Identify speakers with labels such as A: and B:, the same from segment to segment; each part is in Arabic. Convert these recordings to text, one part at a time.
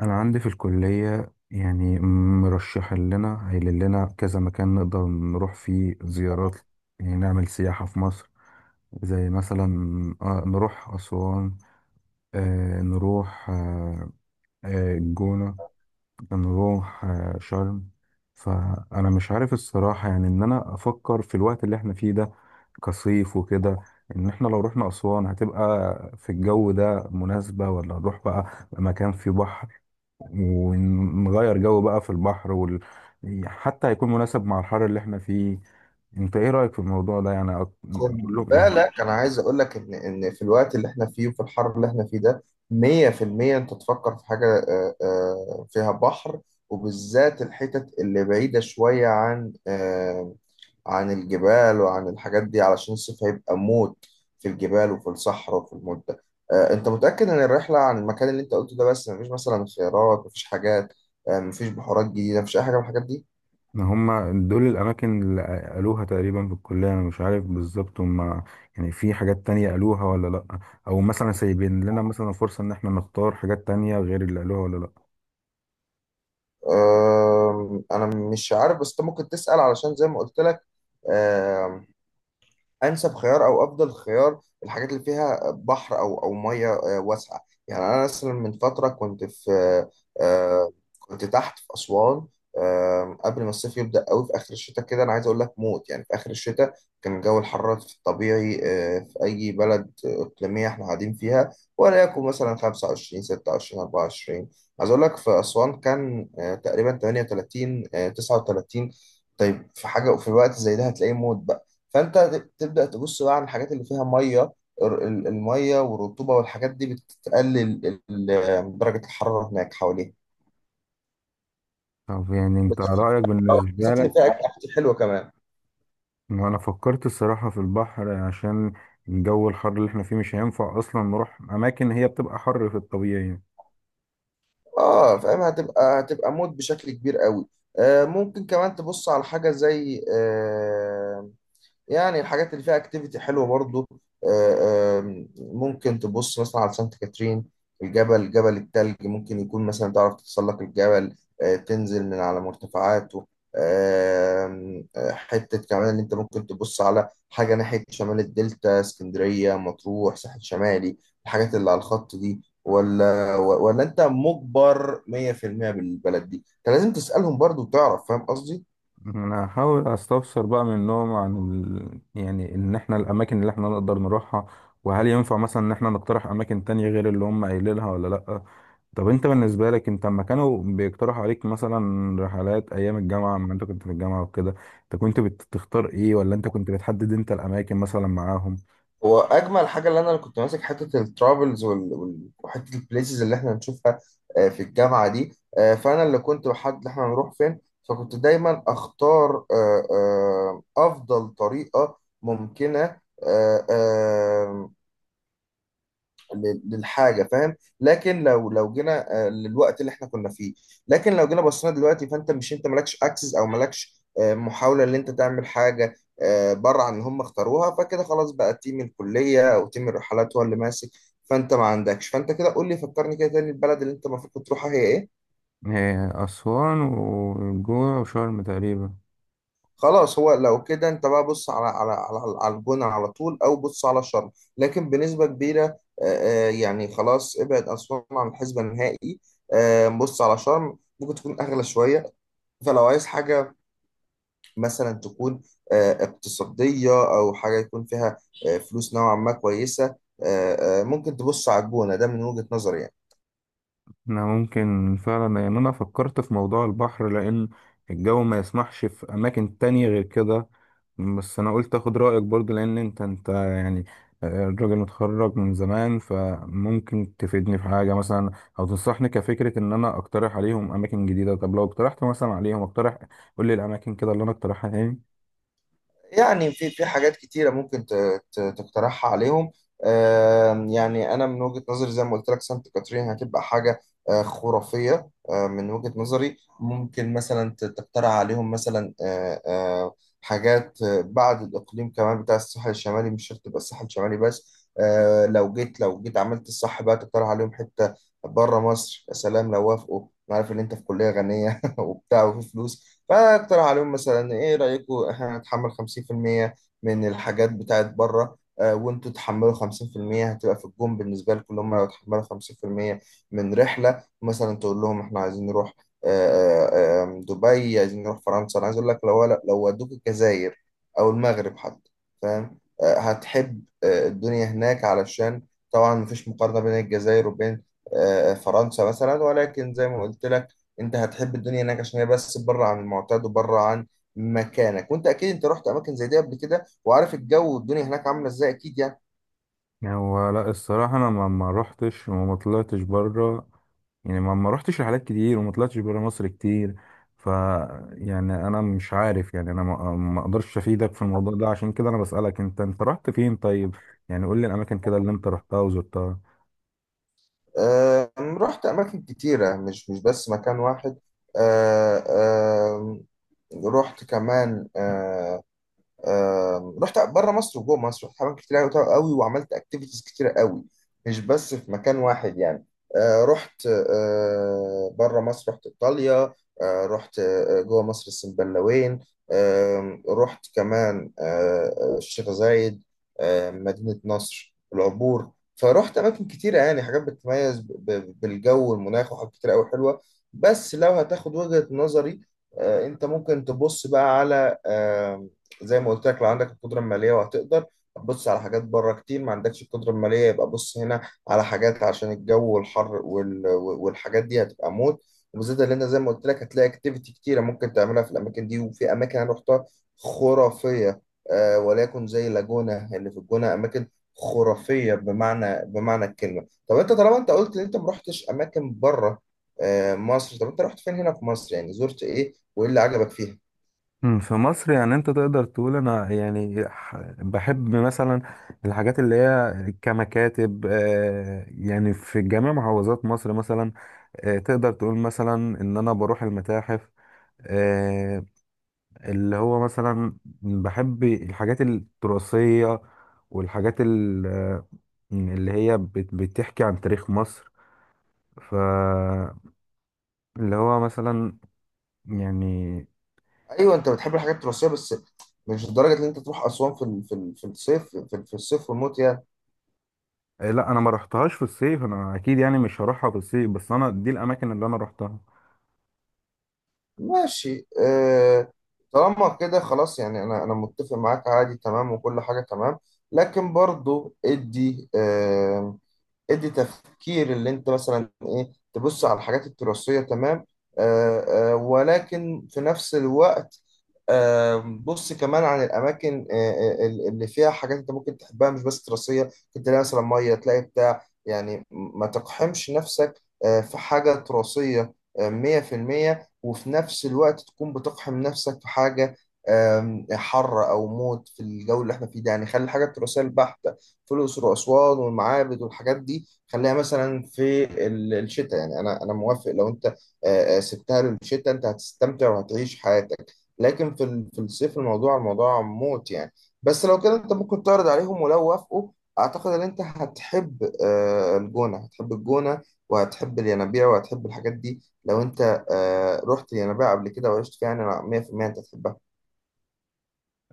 A: انا عندي في الكليه، يعني مرشح لنا قايل لنا كذا مكان نقدر نروح فيه زيارات، يعني نعمل سياحه في مصر. زي مثلا نروح اسوان، آه، نروح آه، آه، الجونه، نروح شرم. فانا مش عارف الصراحه، يعني ان انا افكر في الوقت اللي احنا فيه ده كصيف وكده، ان احنا لو رحنا اسوان هتبقى في الجو ده مناسبه، ولا نروح بقى مكان فيه بحر ونغير جو بقى في البحر وال... حتى هيكون مناسب مع الحر اللي احنا فيه. انت ايه رأيك في الموضوع ده؟ يعني
B: خد
A: اقول لهم ايه؟
B: بالك انا عايز اقول لك ان في الوقت اللي احنا فيه وفي الحر اللي احنا فيه ده 100% انت تفكر في حاجه فيها بحر، وبالذات الحتت اللي بعيده شويه عن عن الجبال وعن الحاجات دي علشان الصيف هيبقى موت في الجبال وفي الصحراء وفي المده. انت متاكد ان الرحله عن المكان اللي انت قلته ده بس؟ مفيش مثلا خيارات؟ مفيش حاجات؟ مفيش بحورات جديده؟ مفيش اي حاجه من الحاجات دي؟
A: ان هما دول الاماكن اللي قالوها تقريبا في الكلية، انا مش عارف بالظبط هما يعني في حاجات تانية قالوها ولا لا، او مثلا سايبين لنا مثلا فرصة ان احنا نختار حاجات تانية غير اللي قالوها ولا لا.
B: انا مش عارف، بس انت ممكن تسأل، علشان زي ما قلت لك انسب خيار او افضل خيار الحاجات اللي فيها بحر او ميه واسعه. يعني انا مثلا من فتره كنت في آه، كنت تحت في اسوان قبل ما الصيف يبدا قوي في اخر الشتاء، كده انا عايز اقول لك موت يعني. في اخر الشتاء كان جو الحراره في الطبيعي في اي بلد اقليميه احنا قاعدين فيها ولا يكون مثلا 25 26 24، عايز اقول لك في اسوان كان تقريبا 38 39. طيب في حاجه في الوقت زي ده هتلاقيه موت، فانت تبدا تبص بقى على الحاجات اللي فيها ميه. الميه والرطوبه والحاجات دي بتقلل ال- درجه الحراره هناك حواليها.
A: طب يعني انت
B: بالذات
A: رأيك بالنسبة
B: بالذات
A: لك؟
B: ان فيها اكل حلوه كمان.
A: ما انا فكرت الصراحة في البحر، عشان الجو الحر اللي احنا فيه مش هينفع اصلا نروح اماكن هي بتبقى حر في الطبيعي.
B: اه فاهم، هتبقى مود بشكل كبير قوي. آه، ممكن كمان تبص على حاجه زي يعني الحاجات اللي فيها اكتيفيتي حلوه برضو. آه، ممكن تبص مثلا على سانت كاترين، الجبل، جبل التلج. ممكن يكون مثلا تعرف تتسلق الجبل، تنزل من على مرتفعاته. حتة كمان اللي انت ممكن تبص على حاجة ناحية شمال الدلتا، اسكندرية، مطروح، ساحل شمالي. الحاجات اللي على الخط دي، ولا انت مجبر 100% بالبلد دي؟ انت لازم تسألهم برضو وتعرف، فاهم قصدي.
A: انا هحاول استفسر بقى منهم عن ال... يعني ان احنا الاماكن اللي احنا نقدر نروحها، وهل ينفع مثلا ان احنا نقترح اماكن تانية غير اللي هم قايلينها ولا لا. طب انت بالنسبة لك، انت لما كانوا بيقترحوا عليك مثلا رحلات ايام الجامعة لما انت كنت في الجامعة وكده، انت كنت بتختار ايه، ولا انت كنت بتحدد انت الاماكن مثلا معاهم؟
B: هو اجمل حاجه اللي انا كنت ماسك حته الترافلز وحته البليسز اللي احنا هنشوفها في الجامعه دي، فانا اللي كنت بحدد احنا هنروح فين. فكنت دايما اختار افضل طريقه ممكنه آه، للحاجه، فاهم. لكن لو جينا للوقت اللي احنا كنا فيه، لكن لو جينا بصينا دلوقتي، فانت مش، انت مالكش اكسس او مالكش محاوله ان انت تعمل حاجه بره عن اللي هم اختاروها، فكده خلاص بقى تيم الكليه او تيم الرحلات هو اللي ماسك، فانت ما عندكش. فانت كده قول لي، فكرني كده تاني، البلد اللي انت المفروض كنت تروحها هي ايه؟
A: إيه، اسوان والجونة وشرم تقريبا.
B: خلاص، هو لو كده انت بقى بص على على الجونة على طول، او بص على شرم لكن بنسبة كبيرة. يعني خلاص ابعد اسوان عن الحسبة النهائي. بص على شرم، ممكن تكون اغلى شوية. فلو عايز حاجة مثلا تكون اقتصادية، او حاجة يكون فيها فلوس نوعا ما كويسة، ممكن تبص على الجونة، ده من وجهة نظري يعني.
A: انا ممكن فعلا، يعني انا فكرت في موضوع البحر لان الجو ما يسمحش في اماكن تانية غير كده. بس انا قلت اخد رايك برضو، لان انت يعني الراجل متخرج من زمان، فممكن تفيدني في حاجه مثلا او تنصحني كفكره ان انا اقترح عليهم اماكن جديده. طب لو اقترحت مثلا عليهم، اقترح قول لي الاماكن كده اللي انا اقترحها تاني.
B: يعني في حاجات كتيرة ممكن تقترحها عليهم. يعني أنا من وجهة نظري زي ما قلت لك، سانت كاترين هتبقى حاجة خرافية. من وجهة نظري ممكن مثلا تقترح عليهم مثلا حاجات بعد الإقليم كمان بتاع الساحل الشمالي، مش شرط تبقى الساحل الشمالي بس. لو جيت عملت الصح بقى تقترح عليهم حتة بره مصر، يا سلام لو وافقوا. أنا عارف إن أنت في كلية غنية وبتاع وفي فلوس، فاقترح عليهم مثلا، ايه رأيكم احنا نتحمل 50% من الحاجات بتاعت بره وانتوا تحملوا 50%؟ هتبقى في الجون بالنسبة لكم، اللي هم لو تحملوا 50% من رحلة. مثلا تقول لهم احنا عايزين نروح آه، آه، آم، دبي، عايزين نروح فرنسا. انا عايز اقول لك لو لو ودوك الجزائر او المغرب حتى، فاهم، هتحب الدنيا هناك. علشان طبعا مفيش مقارنة بين الجزائر وبين فرنسا مثلا، ولكن زي ما قلت انت هتحب الدنيا هناك عشان هي بس بره عن المعتاد وبره عن مكانك، وانت اكيد انت رحت اماكن زي دي قبل كده وعارف الجو والدنيا هناك عامله ازاي اكيد يعني.
A: يعني هو لا الصراحه انا ما روحتش وما طلعتش بره، يعني ما رحتش رحلات كتير وما طلعتش بره مصر كتير. ف يعني انا مش عارف، يعني انا ما اقدرش افيدك في الموضوع ده. عشان كده انا بسألك، انت رحت فين؟ طيب، يعني قول لي الاماكن كده اللي انت رحتها وزرتها.
B: آه رحت اماكن كتيره، مش بس مكان واحد. آه آه رحت كمان رحت بره مصر وجوه مصر، رحت حمامات كتير قوي وعملت اكتيفيتيز كتير قوي، مش بس في مكان واحد يعني. رحت بره مصر، رحت ايطاليا. رحت جوه مصر، السنبلاوين. رحت كمان الشيخ زايد، مدينة نصر، العبور. فرحت اماكن كتيره يعني، حاجات بتتميز بالجو والمناخ وحاجات كتير قوي حلوه. بس لو هتاخد وجهة نظري، انت ممكن تبص بقى على، زي ما قلت لك، لو عندك القدره الماليه وهتقدر بص على حاجات بره كتير، ما عندكش القدره الماليه يبقى بص هنا على حاجات، عشان الجو والحر والحاجات دي هتبقى موت. وبالذات اللي انت زي ما قلت لك هتلاقي اكتيفيتي كتيره ممكن تعملها في الاماكن دي، وفي اماكن انا رحتها خرافيه. آه وليكن زي لاجونا اللي في الجونه، اماكن خرافيه بمعنى الكلمه. طب انت طالما انت قلت ان انت ما رحتش اماكن بره مصر، طب انت رحت فين هنا في مصر؟ يعني زرت ايه، وايه اللي عجبك فيها؟
A: في مصر، يعني انت تقدر تقول انا يعني بحب مثلا الحاجات اللي هي كمكاتب، يعني في جميع محافظات مصر مثلا. تقدر تقول مثلا ان انا بروح المتاحف، آه، اللي هو مثلا بحب الحاجات التراثية والحاجات اللي هي بتحكي عن تاريخ مصر. فاللي هو مثلا يعني.
B: ايوه انت بتحب الحاجات التراثيه بس، مش لدرجه ان انت تروح اسوان في ال- في ال- في الصيف، في الصيف والموت يعني.
A: لا انا ما رحتهاش في الصيف، انا اكيد يعني مش هروحها في الصيف، بس انا دي الاماكن اللي انا رحتها.
B: ماشي آه، طالما كده خلاص يعني، انا انا متفق معاك، عادي تمام وكل حاجه تمام، لكن برضو ادي ادي تفكير اللي انت مثلا، ايه، تبص على الحاجات التراثية تمام، آه آه، ولكن في نفس الوقت آه بص كمان عن الاماكن اللي فيها حاجات انت ممكن تحبها مش بس تراثية. ممكن تلاقي مثلا مية، تلاقي بتاع، يعني ما تقحمش نفسك في حاجة تراثية آه، 100% وفي نفس الوقت تكون بتقحم نفسك في حاجة حر أو موت في الجو اللي احنا فيه ده، يعني خلي الحاجة التراثية البحتة، فلوس الأسوان والمعابد والحاجات دي خليها مثلا في الشتاء. يعني أنا موافق لو أنت سبتها للشتاء، أنت هتستمتع وهتعيش حياتك، لكن في في الصيف الموضوع، الموضوع موت يعني. بس لو كده أنت ممكن تعرض عليهم، ولو وافقوا أعتقد إن أنت هتحب الجونة، هتحب الجونة وهتحب الينابيع وهتحب الحاجات دي. لو أنت رحت الينابيع قبل كده وعشت فيها، يعني أنا 100% أنت هتحبها.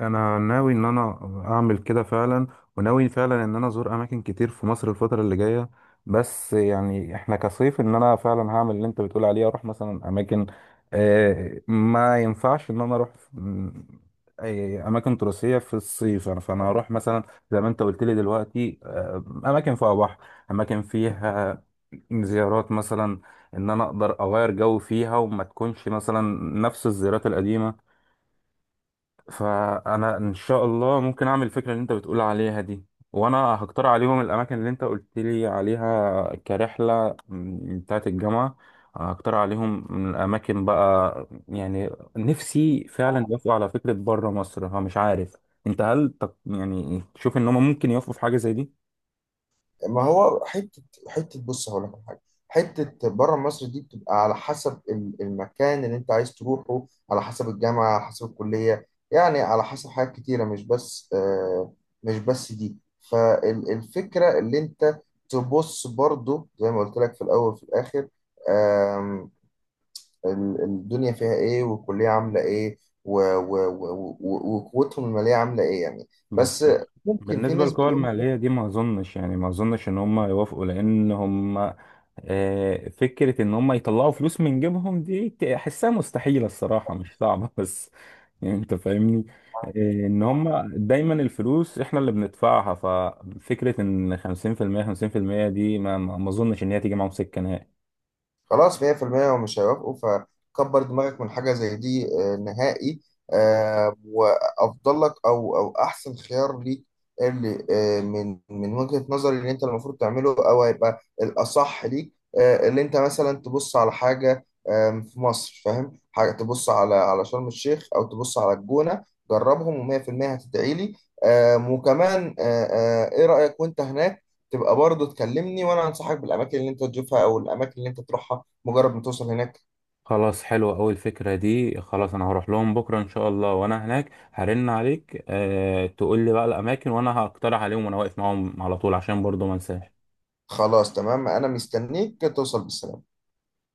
A: انا ناوي ان انا اعمل كده فعلا، وناوي فعلا ان انا ازور اماكن كتير في مصر الفتره اللي جايه. بس يعني احنا كصيف، ان انا فعلا هعمل اللي انت بتقول عليه، اروح مثلا اماكن ما ينفعش ان انا اروح أي اماكن تراثيه في الصيف. يعني فانا هروح مثلا زي ما انت قلت لي دلوقتي اماكن فيها بحر، اماكن فيها زيارات مثلا ان انا اقدر اغير جو فيها، وما تكونش مثلا نفس الزيارات القديمه. فانا ان شاء الله ممكن اعمل الفكره اللي انت بتقول عليها دي، وانا هقترح عليهم الاماكن اللي انت قلت لي عليها كرحله بتاعه الجامعه. هقترح عليهم من الاماكن بقى، يعني نفسي فعلا يوافقوا على فكره بره مصر. فمش عارف انت هل يعني تشوف ان هم ممكن يوافقوا في حاجه زي دي؟
B: ما هو حته، بص هقول لك على حاجه. حته بره مصر دي بتبقى على حسب المكان اللي انت عايز تروحه، على حسب الجامعه، على حسب الكليه، يعني على حسب حاجات كتيره مش بس مش بس دي. فالفكره اللي انت تبص برضو، زي ما قلت لك، في الاول وفي الاخر آم، الدنيا فيها ايه، والكليه عامله ايه، وقوتهم الماليه عامله ايه يعني.
A: بس
B: بس ممكن في
A: بالنسبة
B: نسبه.
A: للقوى المالية دي ما أظنش، يعني ما أظنش إن هم يوافقوا، لأن هم فكرة إن هم يطلعوا فلوس من جيبهم دي أحسها مستحيلة الصراحة، مش صعبة بس يعني أنت فاهمني. آه، إن هم دايما الفلوس إحنا اللي بندفعها. ففكرة إن 50% 50% دي ما أظنش إن هي تيجي معاهم سكة نهائي.
B: خلاص 100% هو مش هيوافقوا، فكبر دماغك من حاجة زي دي نهائي. وأفضل لك أو أحسن خيار ليك اللي من وجهة نظري، اللي أنت المفروض تعمله أو هيبقى الأصح ليك، اللي أنت مثلا تبص على حاجة في مصر، فاهم، حاجة تبص على شرم الشيخ أو تبص على الجونة. جربهم و100% هتدعي لي. وكمان إيه رأيك؟ وأنت هناك تبقى برضه تكلمني، وانا انصحك بالاماكن اللي انت تشوفها او الاماكن اللي انت تروحها مجرد ما توصل هناك.
A: خلاص، حلوة أوي الفكرة دي. خلاص، أنا هروح لهم بكرة إن شاء الله، وأنا هناك هرن عليك. أه، تقول لي بقى الأماكن وأنا هقترح عليهم، وأنا واقف معاهم على طول، عشان برضو ما انساش.
B: خلاص تمام انا مستنيك توصل بالسلامة